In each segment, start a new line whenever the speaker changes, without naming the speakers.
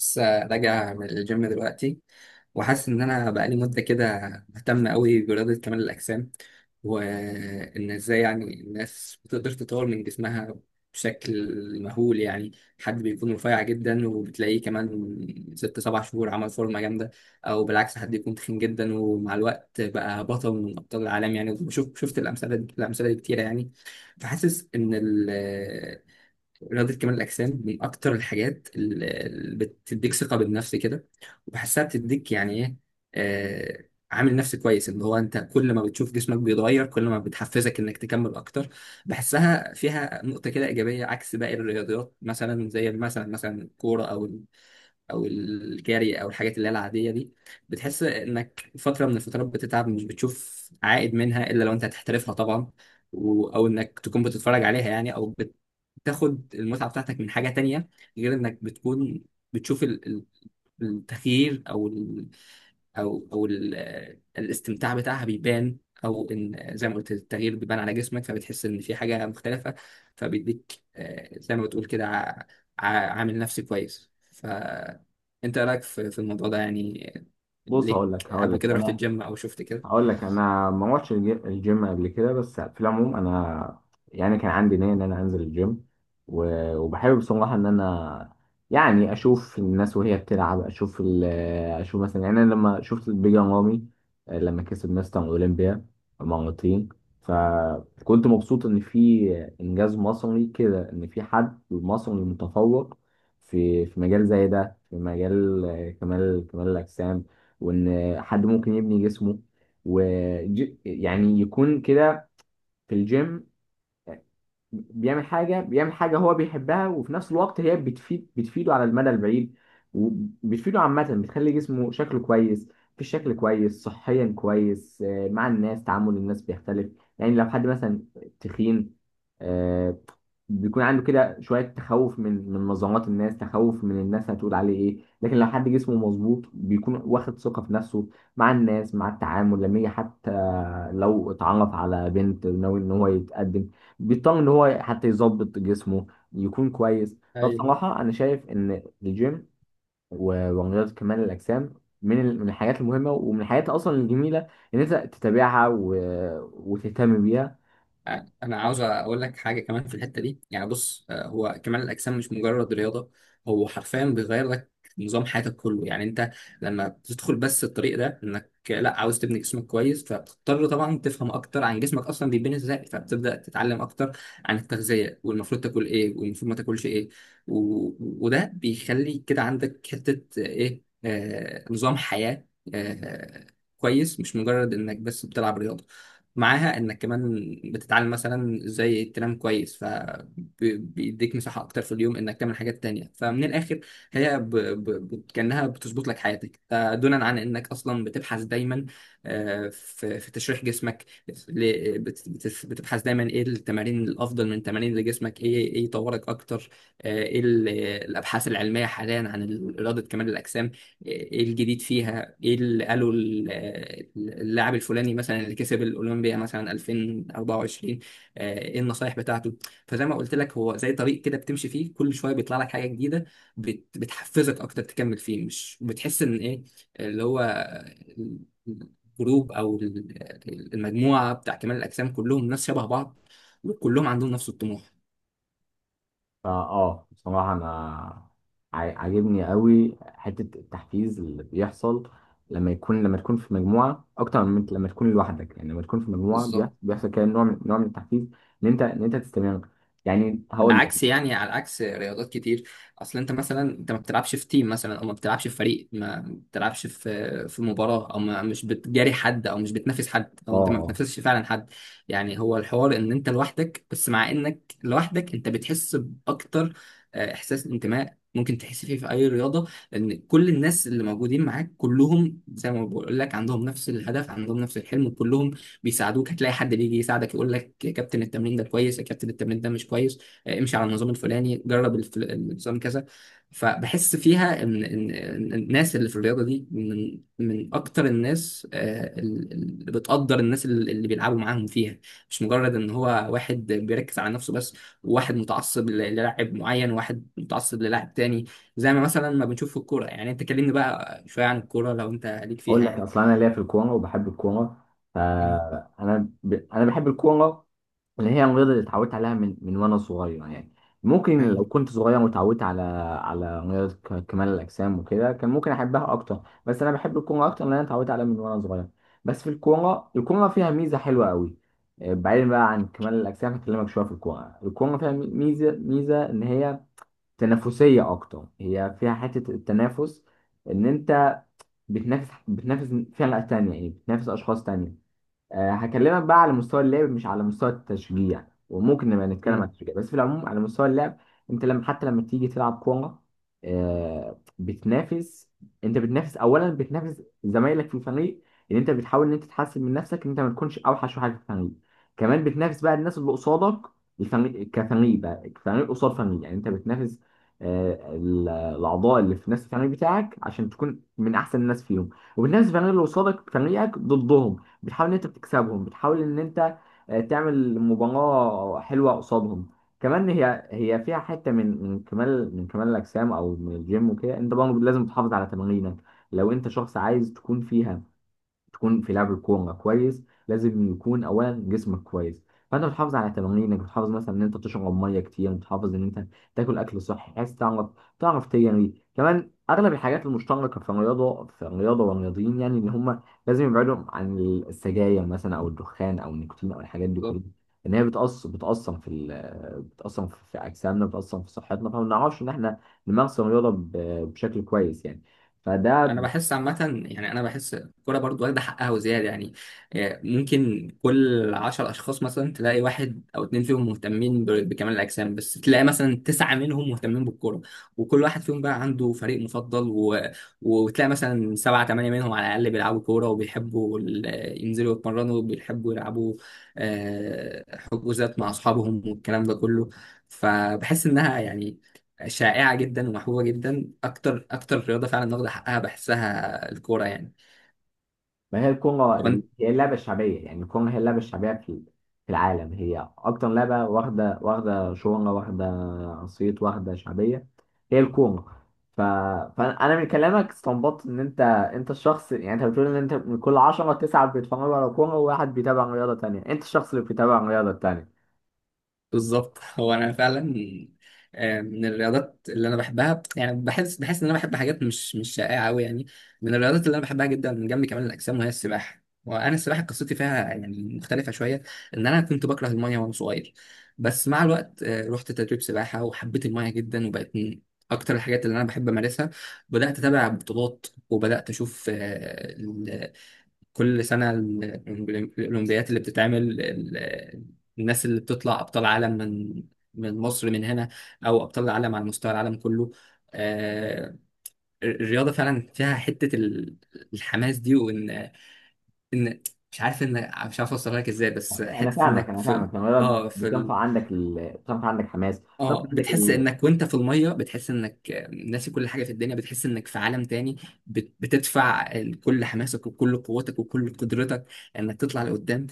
لسه راجع من الجيم دلوقتي، وحاسس ان انا بقالي مده كده مهتم قوي برياضه كمال الاجسام، وان ازاي يعني الناس بتقدر تطور من جسمها بشكل مهول يعني. حد بيكون رفيع جدا وبتلاقيه كمان ست سبع شهور عمل فورمه جامده، او بالعكس حد يكون تخين جدا ومع الوقت بقى بطل من ابطال العالم يعني. شفت الامثله دي كتيره يعني. فحاسس ان رياضة كمال الأجسام من أكتر الحاجات اللي بتديك ثقة بالنفس كده، وبحسها بتديك يعني إيه. عامل نفسي كويس، اللي هو أنت كل ما بتشوف جسمك بيتغير كل ما بتحفزك إنك تكمل أكتر. بحسها فيها نقطة كده إيجابية عكس باقي الرياضيات مثلا، زي مثلا الكورة أو او الجري او الحاجات اللي هي العاديه دي. بتحس انك فتره من الفترات بتتعب مش بتشوف عائد منها الا لو انت هتحترفها طبعا، او انك تكون بتتفرج عليها يعني، او بتاخد المتعه بتاعتك من حاجه تانية، غير انك بتكون بتشوف التغيير، او الاستمتاع بتاعها بيبان، او ان زي ما قلت التغيير بيبان على جسمك فبتحس ان في حاجه مختلفه. فبيديك زي ما بتقول كده ع- عامل نفسي كويس. فانت رايك في الموضوع ده يعني؟
بص،
ليك
هقول لك هقول
قبل
لك
كده رحت
انا
الجيم او شفت كده؟
هقول لك انا ما روحتش الجيم قبل كده. بس في العموم انا يعني كان عندي نيه ان انا انزل الجيم، وبحب بصراحه ان انا يعني اشوف الناس وهي بتلعب، اشوف مثلا. يعني انا لما شفت بيجان رامي، لما كسب مستر اولمبيا مرتين، فكنت مبسوط ان في انجاز مصري كده، ان في حد مصري متفوق في مجال زي ده، في مجال كمال الاجسام، وان حد ممكن يبني جسمه ويعني يكون كده في الجيم، بيعمل حاجة هو بيحبها، وفي نفس الوقت هي بتفيده على المدى البعيد، وبتفيده عامة، بتخلي جسمه شكله كويس، في الشكل كويس، صحيا كويس، مع الناس تعامل الناس بيختلف. يعني لو حد مثلا تخين، آه، بيكون عنده كده شوية تخوف من نظرات الناس، تخوف من الناس هتقول عليه ايه، لكن لو حد جسمه مظبوط بيكون واخد ثقة في نفسه مع الناس، مع التعامل، لما يجي حتى لو اتعرف على بنت ناوي ان هو يتقدم بيطمن ان هو حتى يظبط جسمه يكون كويس.
ايوه،
فبصراحه انا شايف ان الجيم ورياضه كمال الاجسام من الحاجات المهمه، ومن الحاجات اصلا الجميله ان انت تتابعها وتهتم بيها.
انا عاوز اقول لك حاجه كمان في الحته دي يعني. بص هو كمال الاجسام مش مجرد رياضه، هو حرفيا بيغير لك نظام حياتك كله يعني. انت لما بتدخل بس الطريق ده انك لا عاوز تبني جسمك كويس فبتضطر طبعا تفهم اكتر عن جسمك اصلا بيتبني ازاي، فبتبدا تتعلم اكتر عن التغذيه والمفروض تاكل ايه والمفروض ما تاكلش ايه، و... وده بيخلي كده عندك حته، ايه، نظام حياه آه كويس، مش مجرد انك بس بتلعب رياضه. معاها انك كمان بتتعلم مثلا ازاي تنام كويس، فبيديك مساحة اكتر في اليوم انك تعمل حاجات تانية. فمن الاخر هي كأنها بتظبط لك حياتك، ده دونا عن انك اصلا بتبحث دايما في تشريح جسمك، بتبحث دايما ايه التمارين الافضل من تمارين لجسمك، ايه ايه يطورك اكتر. ايه الابحاث العلمية حاليا عن رياضة كمال الاجسام، ايه الجديد فيها، ايه اللي قالوا اللاعب الفلاني مثلا اللي كسب الاولمبيا مثلا 2024. ايه النصايح بتاعته. فزي ما قلت لك هو زي طريق كده بتمشي فيه كل شويه بيطلع لك حاجه جديده، بتحفزك اكتر تكمل فيه، مش بتحس ان ايه اللي هو الجروب او المجموعه بتاع كمال الاجسام كلهم ناس شبه بعض، وكلهم عندهم نفس الطموح.
فا اه بصراحه انا عاجبني قوي حته التحفيز اللي بيحصل لما تكون في مجموعه، اكتر من لما تكون لوحدك. يعني لما تكون في مجموعه
بالظبط.
بيحصل كده نوع من، التحفيز ان انت، تستمر. يعني
على
هقول لك.
عكس يعني على عكس رياضات كتير، اصل انت مثلا انت ما بتلعبش في تيم مثلا، او ما بتلعبش في فريق، ما بتلعبش في مباراه، او ما مش بتجاري حد او مش بتنافس حد،
اه
او انت ما
آه.
بتنافسش فعلا حد. يعني هو الحوار ان انت لوحدك بس، مع انك لوحدك انت بتحس باكتر احساس انتماء ممكن تحس فيه في اي رياضه، لان كل الناس اللي موجودين معاك كلهم زي ما بقول لك عندهم نفس الهدف، عندهم نفس الحلم، كلهم بيساعدوك. هتلاقي حد بيجي يساعدك يقول لك يا كابتن التمرين ده كويس، يا كابتن التمرين ده مش كويس، امشي على النظام الفلاني، جرب النظام كذا. فبحس فيها ان ان إن الناس اللي في الرياضه دي من اكتر الناس، اللي بتقدر الناس اللي بيلعبوا معاهم فيها، مش مجرد ان هو واحد بيركز على نفسه بس، وواحد متعصب للاعب معين وواحد متعصب للاعب تاني، زي ما مثلا ما بنشوف في الكوره يعني. انت كلمني بقى شويه عن الكوره لو انت ليك
اقول
فيها
لك
يعني.
اصلا انا ليا في الكوره وبحب الكوره،
مم.
فانا ب... انا بحب الكوره، اللي هي الرياضه اللي اتعودت عليها من وانا صغير يعني. ممكن
يعني
لو كنت صغير واتعودت على رياضه كمال الاجسام وكده كان ممكن احبها اكتر، بس انا بحب الكوره اكتر لان انا اتعودت عليها من وانا صغير. بس في الكوره، فيها ميزه حلوه قوي. بعيدا بقى عن كمال الاجسام هكلمك شويه في الكوره فيها ميزه ان هي تنافسيه اكتر، هي فيها حته التنافس، ان انت بتنافس فئة تانية، يعني بتنافس أشخاص تانية. هكلمك بقى على مستوى اللعب مش على مستوى التشجيع، وممكن نبقى نتكلم عن
مم.
التشجيع، بس في العموم على مستوى اللعب، انت حتى لما تيجي تلعب كورة، بتنافس. انت بتنافس اولا بتنافس زمايلك في الفريق، ان انت بتحاول ان انت تحسن من نفسك، ان انت ما تكونش اوحش واحد في الفريق. كمان بتنافس بقى الناس اللي قصادك، الفريق كفريق بقى، فريق قصاد فريق. يعني انت بتنافس الاعضاء اللي في نفس الفريق بتاعك عشان تكون من احسن الناس فيهم، وبتنافس الفريق اللي قصادك، فريقك ضدهم، بتحاول ان انت بتكسبهم، بتحاول ان انت تعمل مباراة حلوة قصادهم. كمان هي فيها حتة من كمال الأجسام أو من الجيم وكده، أنت برضه لازم تحافظ على تمارينك، لو أنت شخص عايز تكون في لعب الكوره كويس، لازم يكون اولا جسمك كويس. فانت بتحافظ على تمارينك، بتحافظ مثلا ان انت تشرب ميه كتير، بتحافظ ان انت تاكل اكل صحي، بحيث تعرف تجري كمان. اغلب الحاجات المشتركه في الرياضه، والرياضيين يعني، ان هم لازم يبعدوا عن السجاير مثلا او الدخان او النيكوتين او الحاجات دي كلها، ان هي بتأثر في اجسامنا، بتأثر في صحتنا، فما بنعرفش ان احنا نمارس الرياضه بشكل كويس يعني. فده.
انا بحس عامه يعني، انا بحس الكوره برضو واخده حقها وزياده يعني. ممكن كل عشر اشخاص مثلا تلاقي واحد او اتنين فيهم مهتمين بكمال الاجسام، بس تلاقي مثلا تسعه منهم مهتمين بالكوره، وكل واحد فيهم بقى عنده فريق مفضل، وتلاقي مثلا سبعه ثمانيه منهم على الاقل بيلعبوا كوره، وبيحبوا ينزلوا يتمرنوا، وبيحبوا يلعبوا آه، حجوزات مع اصحابهم والكلام ده كله. فبحس انها يعني شائعة جدا ومحبوبة جدا، أكتر رياضة فعلا واخدة حقها بحسها الكورة يعني.
ما هي الكورة،
طب أنت؟
هي اللعبة الشعبية. يعني الكورة هي اللعبة الشعبية في العالم، هي أكتر لعبة واخدة، شهرة، واخدة صيت، واخدة شعبية، هي الكورة. ف... فأنا من كلامك استنبطت إن أنت الشخص. يعني أنت بتقول إن أنت من كل 10 9 بيتفرجوا على كورة و1 بيتابع رياضة تانية، أنت الشخص اللي بيتابع الرياضة التانية.
بالظبط. هو أنا فعلا من الرياضات اللي أنا بحبها يعني، بحس إن أنا بحب حاجات مش شائعة أوي يعني. من الرياضات اللي أنا بحبها جدا من جنب كمال الأجسام وهي السباحة. وأنا السباحة قصتي فيها يعني مختلفة شوية، إن أنا كنت بكره المية وأنا صغير، بس مع الوقت رحت تدريب سباحة وحبيت المية جدا، وبقت من أكتر الحاجات اللي أنا بحب أمارسها. بدأت أتابع بطولات، وبدأت أشوف كل سنة الأولمبيات اللي بتتعمل، الناس اللي بتطلع أبطال عالم من مصر من هنا، أو أبطال العالم على مستوى العالم كله. آه، الرياضة فعلا فيها حتة الحماس دي، وإن إن مش عارف إن مش عارف أوصلها لك إزاي، بس
أنا
حتة
فاهمك
إنك
أنا
في
فاهمك الرياضة
آه في
بتنفع
ال...
عندك بتنفع عندك حماس. بتنفع
اه
عندك
بتحس
ال...
انك وانت في الميه بتحس انك ناسي كل حاجه في الدنيا، بتحس انك في عالم تاني. بتدفع كل حماسك وكل قوتك وكل قدرتك انك تطلع لقدام.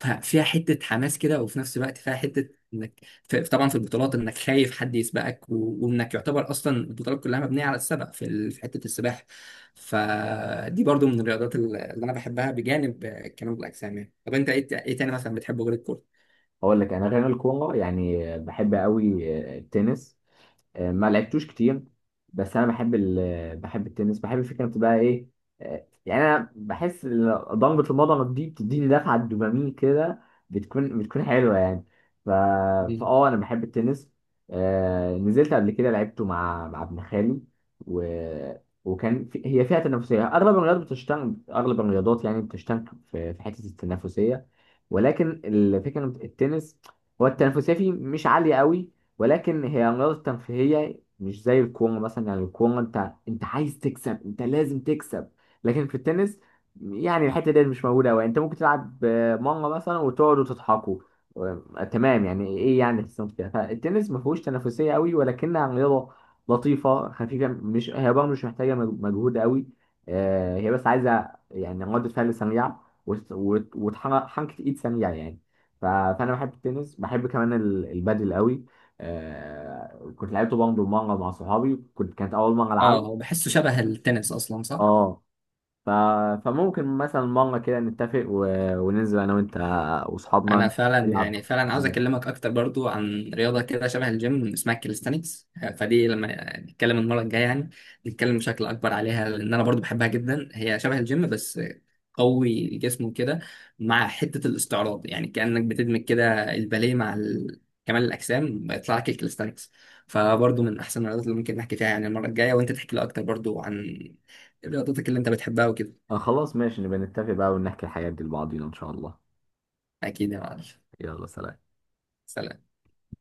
ففيها حته حماس كده، وفي نفس الوقت فيها حته انك طبعا في البطولات انك خايف حد يسبقك، وانك يعتبر اصلا البطولات كلها مبنيه على السبق في في حته السباحه. فدي برضو من الرياضات اللي انا بحبها بجانب كمال الاجسام يعني. طب انت ايه ايه تاني مثلا بتحبه غير الكوره؟
أقول لك أنا غير الكورة يعني بحب أوي التنس. ما لعبتوش كتير، بس انا بحب بحب التنس، بحب فكره بقى ايه. يعني انا بحس إن ضربه المضرب دي بتديني دفعه دوبامين كده، بتكون حلوه يعني. ف...
مم.
فاه انا بحب التنس. نزلت قبل كده لعبته مع ابن خالي، و... هي فيها تنافسيه. اغلب الرياضات بتشتغل، اغلب الرياضات يعني بتشتغل في حته التنافسيه، ولكن الفكره إن التنس هو التنافسيه فيه مش عاليه قوي، ولكن هي رياضة ترفيهية مش زي الكورة مثلا. يعني الكورة، انت عايز تكسب، انت لازم تكسب. لكن في التنس يعني الحتة دي مش موجودة أوي، انت ممكن تلعب مرة مثلا وتقعدوا تضحكوا، تمام يعني ايه، يعني تحسن فيها. فالتنس ما فيهوش تنافسية قوي، ولكنها رياضة لطيفة خفيفة، مش هي برضه مش محتاجة مجهود قوي. هي بس عايزة يعني ردة فعل سريعة، وتحرك حركة ايد سريعة يعني. فانا بحب التنس، بحب كمان البادل قوي. كنت لعبته برضه مانجا مع صحابي، كانت اول مانجا
اه،
العبه.
هو بحسه شبه التنس اصلا، صح؟
اه. ف... فممكن مثلا مانجا كده نتفق وننزل انا وانت
انا
واصحابنا
فعلا يعني،
نلعب.
فعلا عاوز اكلمك اكتر برضو عن رياضه كده شبه الجيم اسمها الكاليستانكس. فدي لما نتكلم المره الجايه يعني، نتكلم بشكل اكبر عليها، لان انا برضو بحبها جدا. هي شبه الجيم بس قوي الجسم وكده، مع حته الاستعراض يعني، كانك بتدمج كده الباليه مع كمال الاجسام بيطلع لك الكاليستانكس. فبرضو من احسن الرياضات اللي ممكن نحكي فيها يعني المره الجايه، وانت تحكي لي اكتر برضو عن رياضتك اللي انت بتحبها وكده.
آه خلاص ماشي، نبقى نتفق بقى ونحكي الحاجات دي لبعضينا ان شاء الله.
اكيد يا معلم.
يلا سلام.
سلام.